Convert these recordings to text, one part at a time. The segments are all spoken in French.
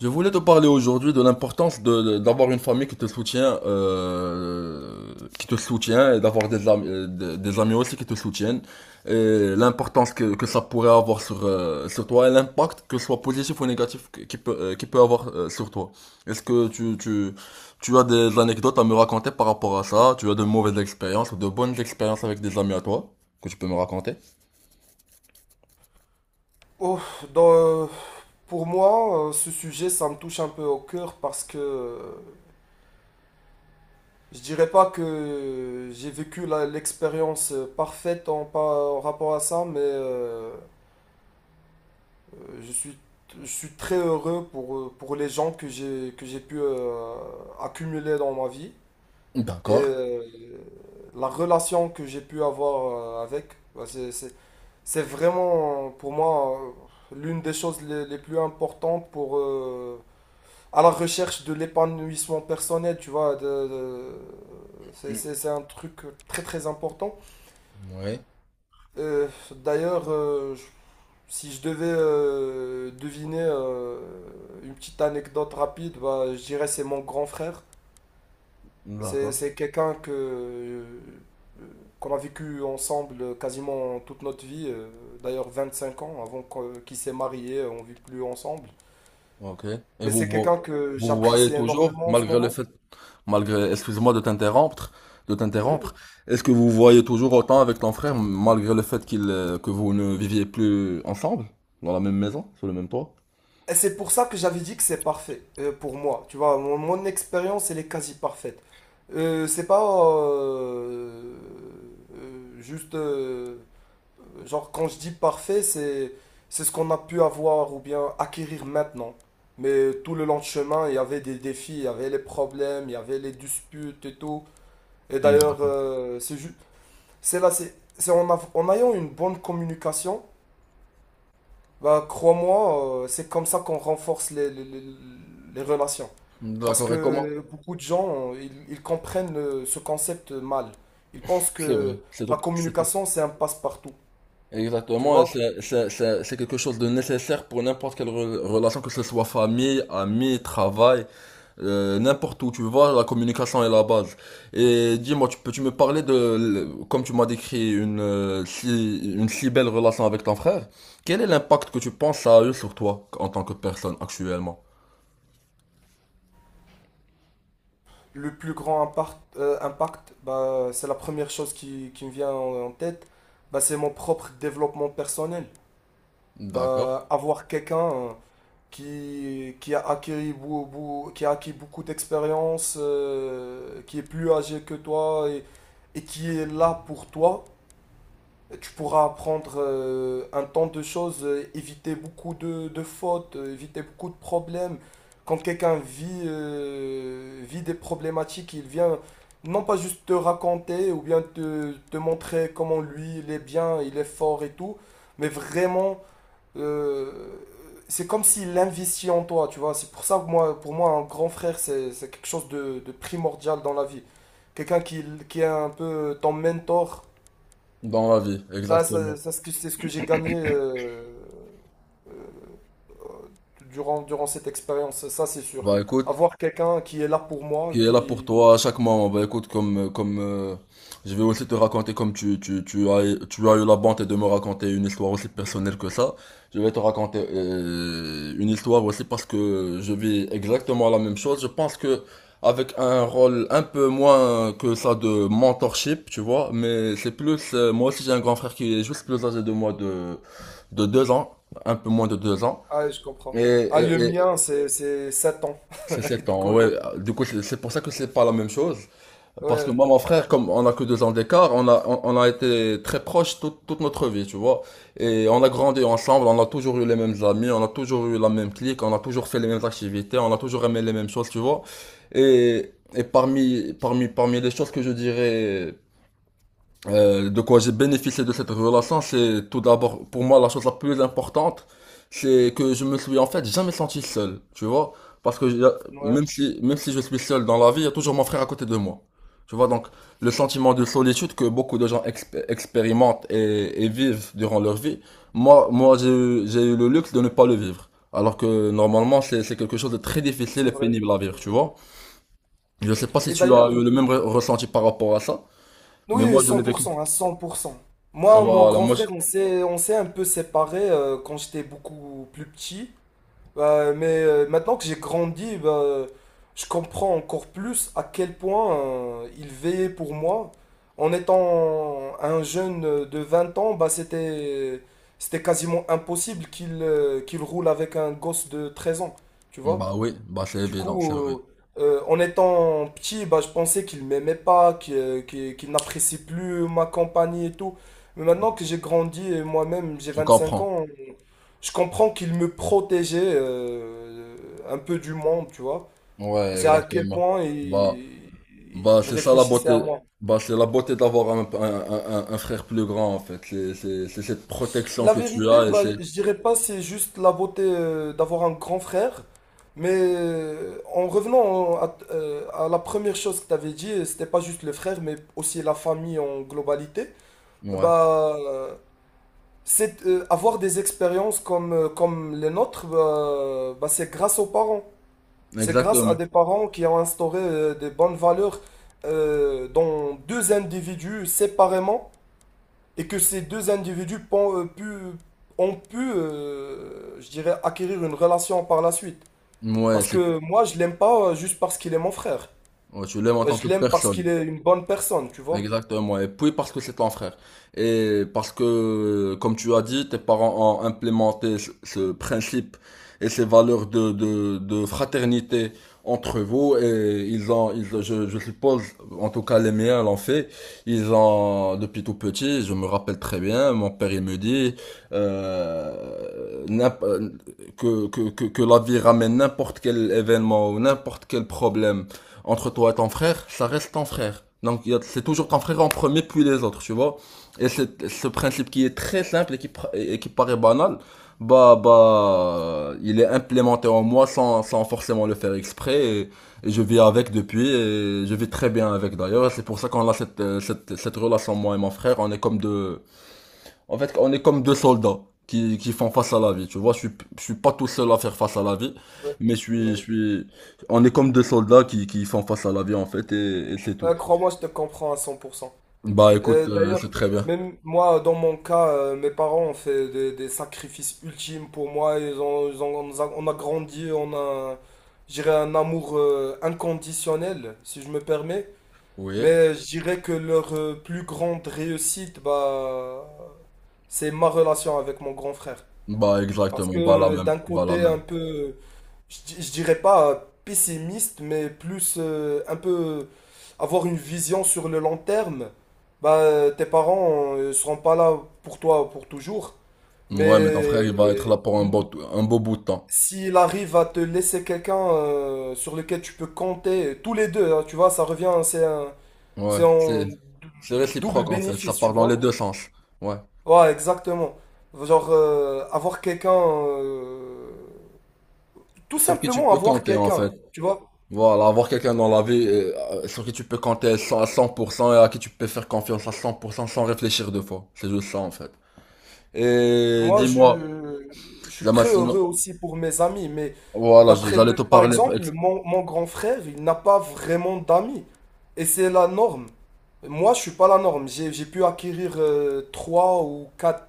Je voulais te parler aujourd'hui de l'importance d'avoir une famille qui te soutient, et d'avoir des amis aussi qui te soutiennent et l'importance que ça pourrait avoir sur toi et l'impact que ce soit positif ou négatif qui peut, avoir sur toi. Est-ce que tu as des anecdotes à me raconter par rapport à ça? Tu as de mauvaises expériences ou de bonnes expériences avec des amis à toi que tu peux me raconter? Oh, dans, euh, pour moi, ce sujet, ça me touche un peu au cœur parce que je dirais pas que j'ai vécu l'expérience parfaite en rapport à ça, mais euh, je suis, je suis très heureux pour les gens que j'ai pu accumuler dans ma vie et D'accord. La relation que j'ai pu avoir avec. Bah, c'est vraiment pour moi l'une des choses les plus importantes pour à la recherche de l'épanouissement personnel, tu vois. De, de- c'est, Mm. c'est- c'est un truc très très important. Ouais. D'ailleurs, si je devais deviner une petite anecdote rapide, bah, je dirais c'est mon grand frère. C'est, D'accord. c'est quelqu'un qu'on a vécu ensemble quasiment toute notre vie, d'ailleurs 25 ans avant qu'il s'est marié, on ne vit plus ensemble. Ok. Et Mais vous c'est quelqu'un vo- que vous, vous voyez j'apprécie toujours, énormément en ce malgré le moment. fait, excuse-moi de t'interrompre, de Oui, oui. t'interrompre, est-ce que vous vous voyez toujours autant avec ton frère, malgré le fait qu'il, que vous ne viviez plus ensemble, dans la même maison, sur le même toit? Et c'est pour ça que j'avais dit que c'est parfait pour moi. Tu vois, mon expérience, elle est quasi parfaite. C'est pas euh, juste. Genre, quand je dis parfait, c'est ce qu'on a pu avoir ou bien acquérir maintenant. Mais tout le long de chemin, il y avait des défis, il y avait les problèmes, il y avait les disputes et tout. Et d'ailleurs, D'accord. C'est juste. C'est là, c'est en ayant une bonne communication, bah, crois-moi, c'est comme ça qu'on renforce les relations. Parce D'accord, et comment? que beaucoup de gens, ils comprennent ce concept mal. Ils pensent C'est vrai, que c'est la tout, c'est tout. communication, c'est un passe-partout. Tu Exactement, et vois, c'est quelque chose de nécessaire pour n'importe quelle relation, que ce soit famille, amis, travail. N'importe où, tu vois, la communication est la base. Et dis-moi, tu peux-tu me parler de, comme tu m'as décrit une si belle relation avec ton frère, quel est l'impact que tu penses ça a eu sur toi en tant que personne actuellement? le plus grand impact, bah, c'est la première chose qui me vient en tête. Bah, c'est mon propre développement personnel. D'accord. Bah, avoir quelqu'un qui a acquis beaucoup d'expérience, qui est plus âgé que toi et qui est là pour toi, tu pourras apprendre un tant de choses, éviter beaucoup de fautes, éviter beaucoup de problèmes. Quand quelqu'un vit des problématiques, il vient non pas juste te raconter ou bien te montrer comment lui il est bien, il est fort et tout, mais vraiment euh, c'est comme s'il investit en toi, tu vois. C'est pour ça que moi, pour moi, un grand frère, c'est quelque chose de primordial dans la vie. Quelqu'un qui est un peu ton mentor. Dans la vie, Ça, ça- exactement. ça, c'est ce que j'ai gagné durant cette expérience, ça c'est sûr. Bah écoute, Avoir quelqu'un qui est là pour moi, qui est là pour qui. toi à chaque moment. Bah écoute, comme, comme je vais aussi te raconter, comme tu as eu la bonté de me raconter une histoire aussi personnelle que ça, je vais te raconter une histoire aussi parce que je vis exactement la même chose. Je pense que avec un rôle un peu moins que ça de mentorship, tu vois, mais c'est plus, moi aussi j'ai un grand frère qui est juste plus âgé de moi de 2 ans, un peu moins de 2 ans. Ah, je comprends. Et, Ah, et, le et mien, c'est 7 ans. c'est sept Du ans, coup, ouais. le. Du coup, c'est pour ça que c'est pas la même chose. Parce que Ouais, moi, mon frère, comme on a que 2 ans d'écart, on a été très proches toute notre vie, tu vois. Et on a grandi ensemble, on a toujours eu les mêmes amis, on a toujours eu la même clique, on a toujours fait les mêmes activités, on a toujours aimé les mêmes choses, tu vois. Et parmi les choses que je dirais de quoi j'ai bénéficié de cette relation, c'est tout d'abord pour moi la chose la plus importante, c'est que je me suis en fait jamais senti seul, tu vois, parce que ouais, même si je suis seul dans la vie, il y a toujours mon frère à côté de moi, tu vois, donc le sentiment de solitude que beaucoup de gens expérimentent et vivent durant leur vie, moi j'ai eu le luxe de ne pas le vivre, alors que normalement c'est quelque chose de très difficile c'est et vrai. pénible à C'est vivre, tu vrai. vois. Je sais pas si Et tu as d'ailleurs, eu le même ressenti par rapport à ça, mais oui, moi je cent l'ai pour vécu. cent, à 100%. Moi, mon Voilà. grand moi frère, on s'est un peu séparés quand j'étais beaucoup plus petit. Mais maintenant que j'ai grandi, bah, je comprends encore plus à quel point il veillait pour moi. En étant un jeune de 20 ans, bah, c'était quasiment impossible qu'il roule avec un gosse de 13 ans, tu vois? Bah oui, bah c'est Du évident, c'est coup, vrai. En étant petit, bah, je pensais qu'il m'aimait pas, qu'il n'apprécie plus ma compagnie et tout. Mais maintenant que j'ai grandi et moi-même, j'ai Je vingt-cinq comprends. ans, je comprends qu'il me protégeait un peu du monde, tu vois. Ouais, C'est à quel exactement. point Bah, il, bah il c'est ça la réfléchissait à beauté. moi. Bah c'est la beauté d'avoir un frère plus grand en fait. C'est cette protection La que tu vérité, as. Et bah, c'est. je dirais pas c'est juste la beauté d'avoir un grand frère, mais en revenant à la première chose que tu avais dit, c'était pas juste le frère, mais aussi la famille en globalité. Ouais, Bah, c'est avoir des expériences comme les nôtres, bah, c'est grâce aux parents. C'est grâce à des exactement. parents qui ont instauré des bonnes valeurs dans deux individus séparément et que ces deux individus ont pu, je dirais, acquérir une relation par la suite. Ouais, Parce c'est. que moi, je l'aime pas juste parce qu'il est mon frère. Ouais, tu l'aimes en Euh, tant que Je l'aime parce personne. qu'il est une bonne personne, tu vois. Exactement, et puis parce que c'est ton frère. Et parce que, comme tu as dit, tes parents ont implémenté ce principe et ces valeurs de fraternité entre vous, et ils ont, ils, je suppose, en tout cas les miens l'ont fait, ils ont, depuis tout petit, je me rappelle très bien, mon père il me dit euh, n'imp- que la vie ramène n'importe quel événement ou n'importe quel problème entre toi et ton frère, ça reste ton frère. Donc c'est toujours ton frère en premier puis les autres, tu vois. Et ce principe qui est très simple et qui paraît banal, bah il est implémenté en moi sans forcément le faire exprès et je vis avec depuis et je vis très bien avec d'ailleurs. C'est pour ça qu'on a cette relation moi et mon frère, on est comme deux soldats qui font face à la vie. Tu vois, je suis pas tout seul à faire face à la vie, Ouais, mais ouais. On est comme deux soldats qui font face à la vie, en fait, et c'est tout. Crois-moi, je te comprends à 100%. Bah, Euh, écoute, d'ailleurs, c'est très bien. même moi, dans mon cas, mes parents ont fait des sacrifices ultimes pour moi. Ils ont- on nous a, on a grandi, on a, je dirais, un amour inconditionnel, si je me permets. Oui. Mais je dirais que leur plus grande réussite, bah, c'est ma relation avec mon grand frère. Bah, Parce que exactement. Bah, la même. d'un Bah, la côté même. un peu, je dirais pas pessimiste, mais plus un peu avoir une vision sur le long terme, bah, tes parents ne seront pas là pour toi pour toujours. Mais Ouais, mais ton frère, il va être euh, là pour un beau bout de temps. s'il arrive à te laisser quelqu'un sur lequel tu peux compter, tous les deux, hein, tu vois, ça revient, c'est un, Ouais. c'est en C'est, dou- c'est double réciproque, en fait. Ça bénéfice, tu part dans les vois. deux sens. Ouais. Ouais, exactement. Genre, tout Sur qui tu simplement peux avoir compter, en quelqu'un, fait. tu vois. Voilà, avoir quelqu'un dans la vie sur qui tu peux compter à 100 à 100% et à qui tu peux faire confiance à 100% sans réfléchir deux fois. C'est juste ça en fait. Et Moi, je, dis-moi, je suis Zama, très heureux aussi pour mes amis, mais voilà, j'allais te par parler. exemple, mon grand frère, il n'a pas vraiment d'amis. Et c'est la norme. Moi, je suis pas la norme. J'ai pu acquérir trois ou quatre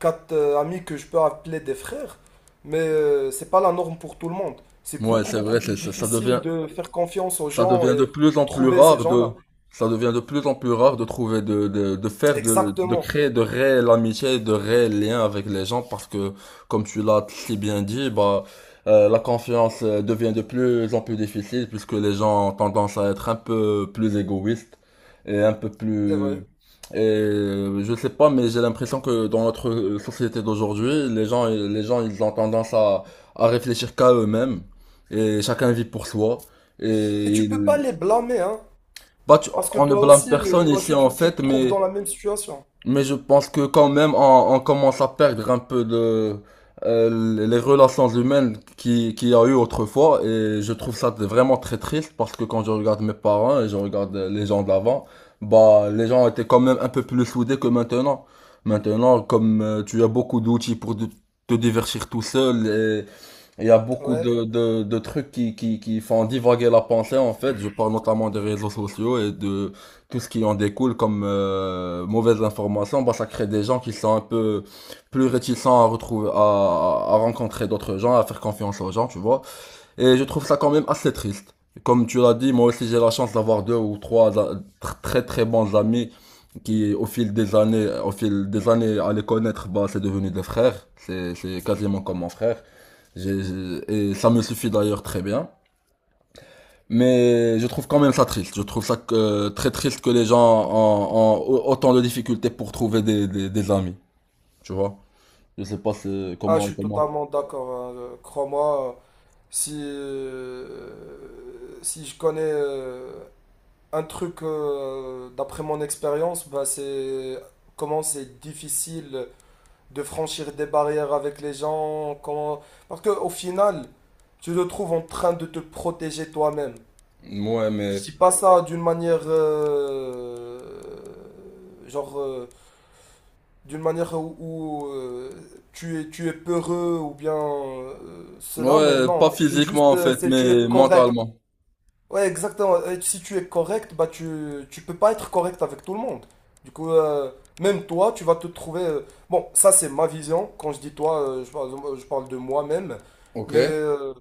amis que je peux appeler des frères, mais c'est pas la norme pour tout le monde. C'est Ouais, beaucoup, c'est beaucoup vrai, plus ça difficile devient de faire confiance aux ça gens devient de et plus en plus trouver ces rare gens-là. de, ça devient de plus en plus rare de trouver, de Exactement, créer de réelles amitiés, de réels liens avec les gens parce que, comme tu l'as si bien dit, bah, la confiance devient de plus en plus difficile puisque les gens ont tendance à être un peu plus égoïstes et un peu c'est vrai. plus, et je sais pas, mais j'ai l'impression que dans notre société d'aujourd'hui, les gens, ils ont tendance à, réfléchir qu'à eux-mêmes et chacun vit pour soi. Et Et tu peux pas il- les blâmer, hein, bah, tu- parce que on ne toi blâme aussi, personne ici en tu fait, te trouves mais, dans la même situation. Je pense que quand même on commence à perdre un peu de les relations humaines qu'il y a eu autrefois et je trouve ça vraiment très triste parce que quand je regarde mes parents et je regarde les gens d'avant, bah les gens étaient quand même un peu plus soudés que maintenant. Maintenant, comme tu as beaucoup d'outils pour te divertir tout seul. Il y a beaucoup Ouais. de trucs qui font divaguer la pensée, en fait. Je parle notamment des réseaux sociaux et de tout ce qui en découle comme mauvaise information. Bah, ça crée des gens qui sont un peu plus réticents à rencontrer d'autres gens, à faire confiance aux gens, tu vois. Et je trouve ça quand même assez triste. Comme tu l'as dit, moi aussi j'ai la chance d'avoir deux ou trois très très bons amis qui au fil des années à les connaître, bah c'est devenu des frères. C'est quasiment comme mon frère. Et ça me suffit d'ailleurs très bien. Mais je trouve quand même ça triste. Je trouve ça très triste que les gens ont autant de difficultés pour trouver des amis. Tu vois? Je sais pas Ah, je comment suis comment. totalement d'accord, hein. Crois-moi si, si je connais un truc d'après mon expérience, bah c'est comment c'est difficile de franchir des barrières avec les gens. Comment. Parce qu'au final, tu te trouves en train de te protéger toi-même. Ouais Je mais dis pas ça d'une manière. Genre. D'une manière où, tu es peureux ou bien cela, mais ouais, non, pas mais c'est physiquement juste. en fait, C'est tu es mais correct. mentalement. Ouais, exactement. Et si tu es correct, bah tu peux pas être correct avec tout le monde. Du coup, même toi, tu vas te trouver. Bon, ça c'est ma vision. Quand je dis toi, je parle de moi-même. Ok. Mais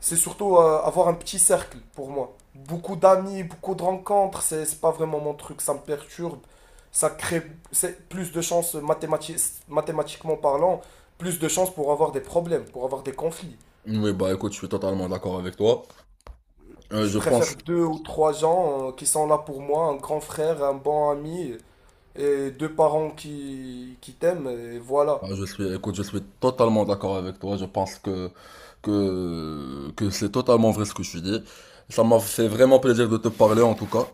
c'est surtout avoir un petit cercle pour moi. Beaucoup d'amis, beaucoup de rencontres, c'est pas vraiment mon truc. Ça me perturbe. Ça crée c'est plus de chances mathématiquement parlant, plus de chances pour avoir des problèmes, pour avoir des conflits. Oui, bah écoute, je suis totalement d'accord avec toi. Je Je pense, préfère deux ou trois gens qui sont là pour moi, un grand frère, un bon ami et deux parents qui t'aiment, et voilà. bah, je suis, Écoute, je suis totalement d'accord avec toi. Je pense que c'est totalement vrai ce que tu dis. Ça m'a fait vraiment plaisir de te parler en tout cas,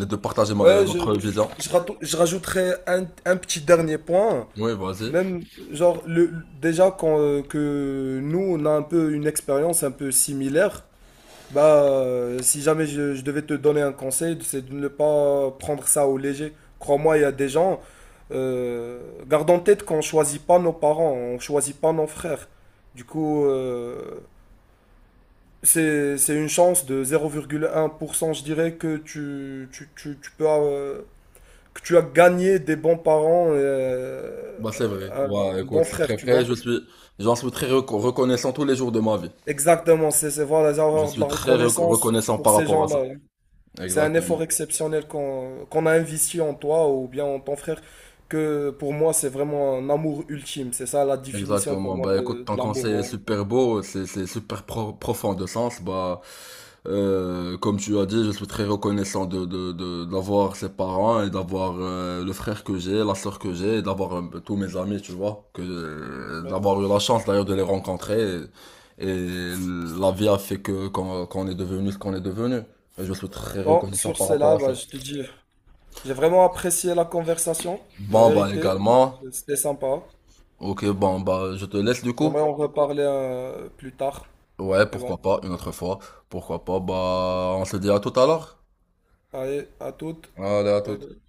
et de partager Ouais, je, notre vision. je, rato- je rajouterai un petit dernier point. Oui, vas-y. Même, genre, déjà que nous, on a un peu une expérience un peu similaire. Bah, si jamais je devais te donner un conseil, c'est de ne pas prendre ça au léger. Crois-moi, il y a des gens. euh, Garde en tête qu'on choisit pas nos parents, on choisit pas nos frères. Du coup, c'est une chance de 0,1%, je dirais, que tu peux, que tu as gagné des bons parents, Bah c'est vrai. un Bah écoute, bon c'est très frère, tu vrai. vois. J'en suis très reconnaissant tous les jours de ma vie. Exactement, voilà, Je avoir de suis la très reconnaissance reconnaissant pour par ces rapport à ça. gens-là. C'est un effort Exactement. exceptionnel qu'on a investi en toi ou bien en ton frère, que pour moi, c'est vraiment un amour ultime. C'est ça la définition pour Exactement. moi Bah écoute, de, ton de l'amour. conseil est en- super beau, c'est super profond de sens. Bah, comme tu as dit, je suis très reconnaissant d'avoir ses parents et d'avoir le frère que j'ai, la sœur que j'ai, et d'avoir tous mes amis, tu vois, que Mais d'avoir eu la chance d'ailleurs de les rencontrer. Et la vie a fait que qu'on qu'on est devenu ce qu'on est devenu. Et je suis très bon, reconnaissant sur par rapport cela, à ça. bah, je te dis, j'ai vraiment apprécié la conversation, la Bon bah vérité. également. C'était sympa. Ok, bon bah je te laisse du coup. J'aimerais en reparler plus tard. Ouais, Mais bon, pourquoi pas, une autre fois. Pourquoi pas, bah, on se dit à tout à l'heure. allez, à toutes. Allez, à tout. Bye bye.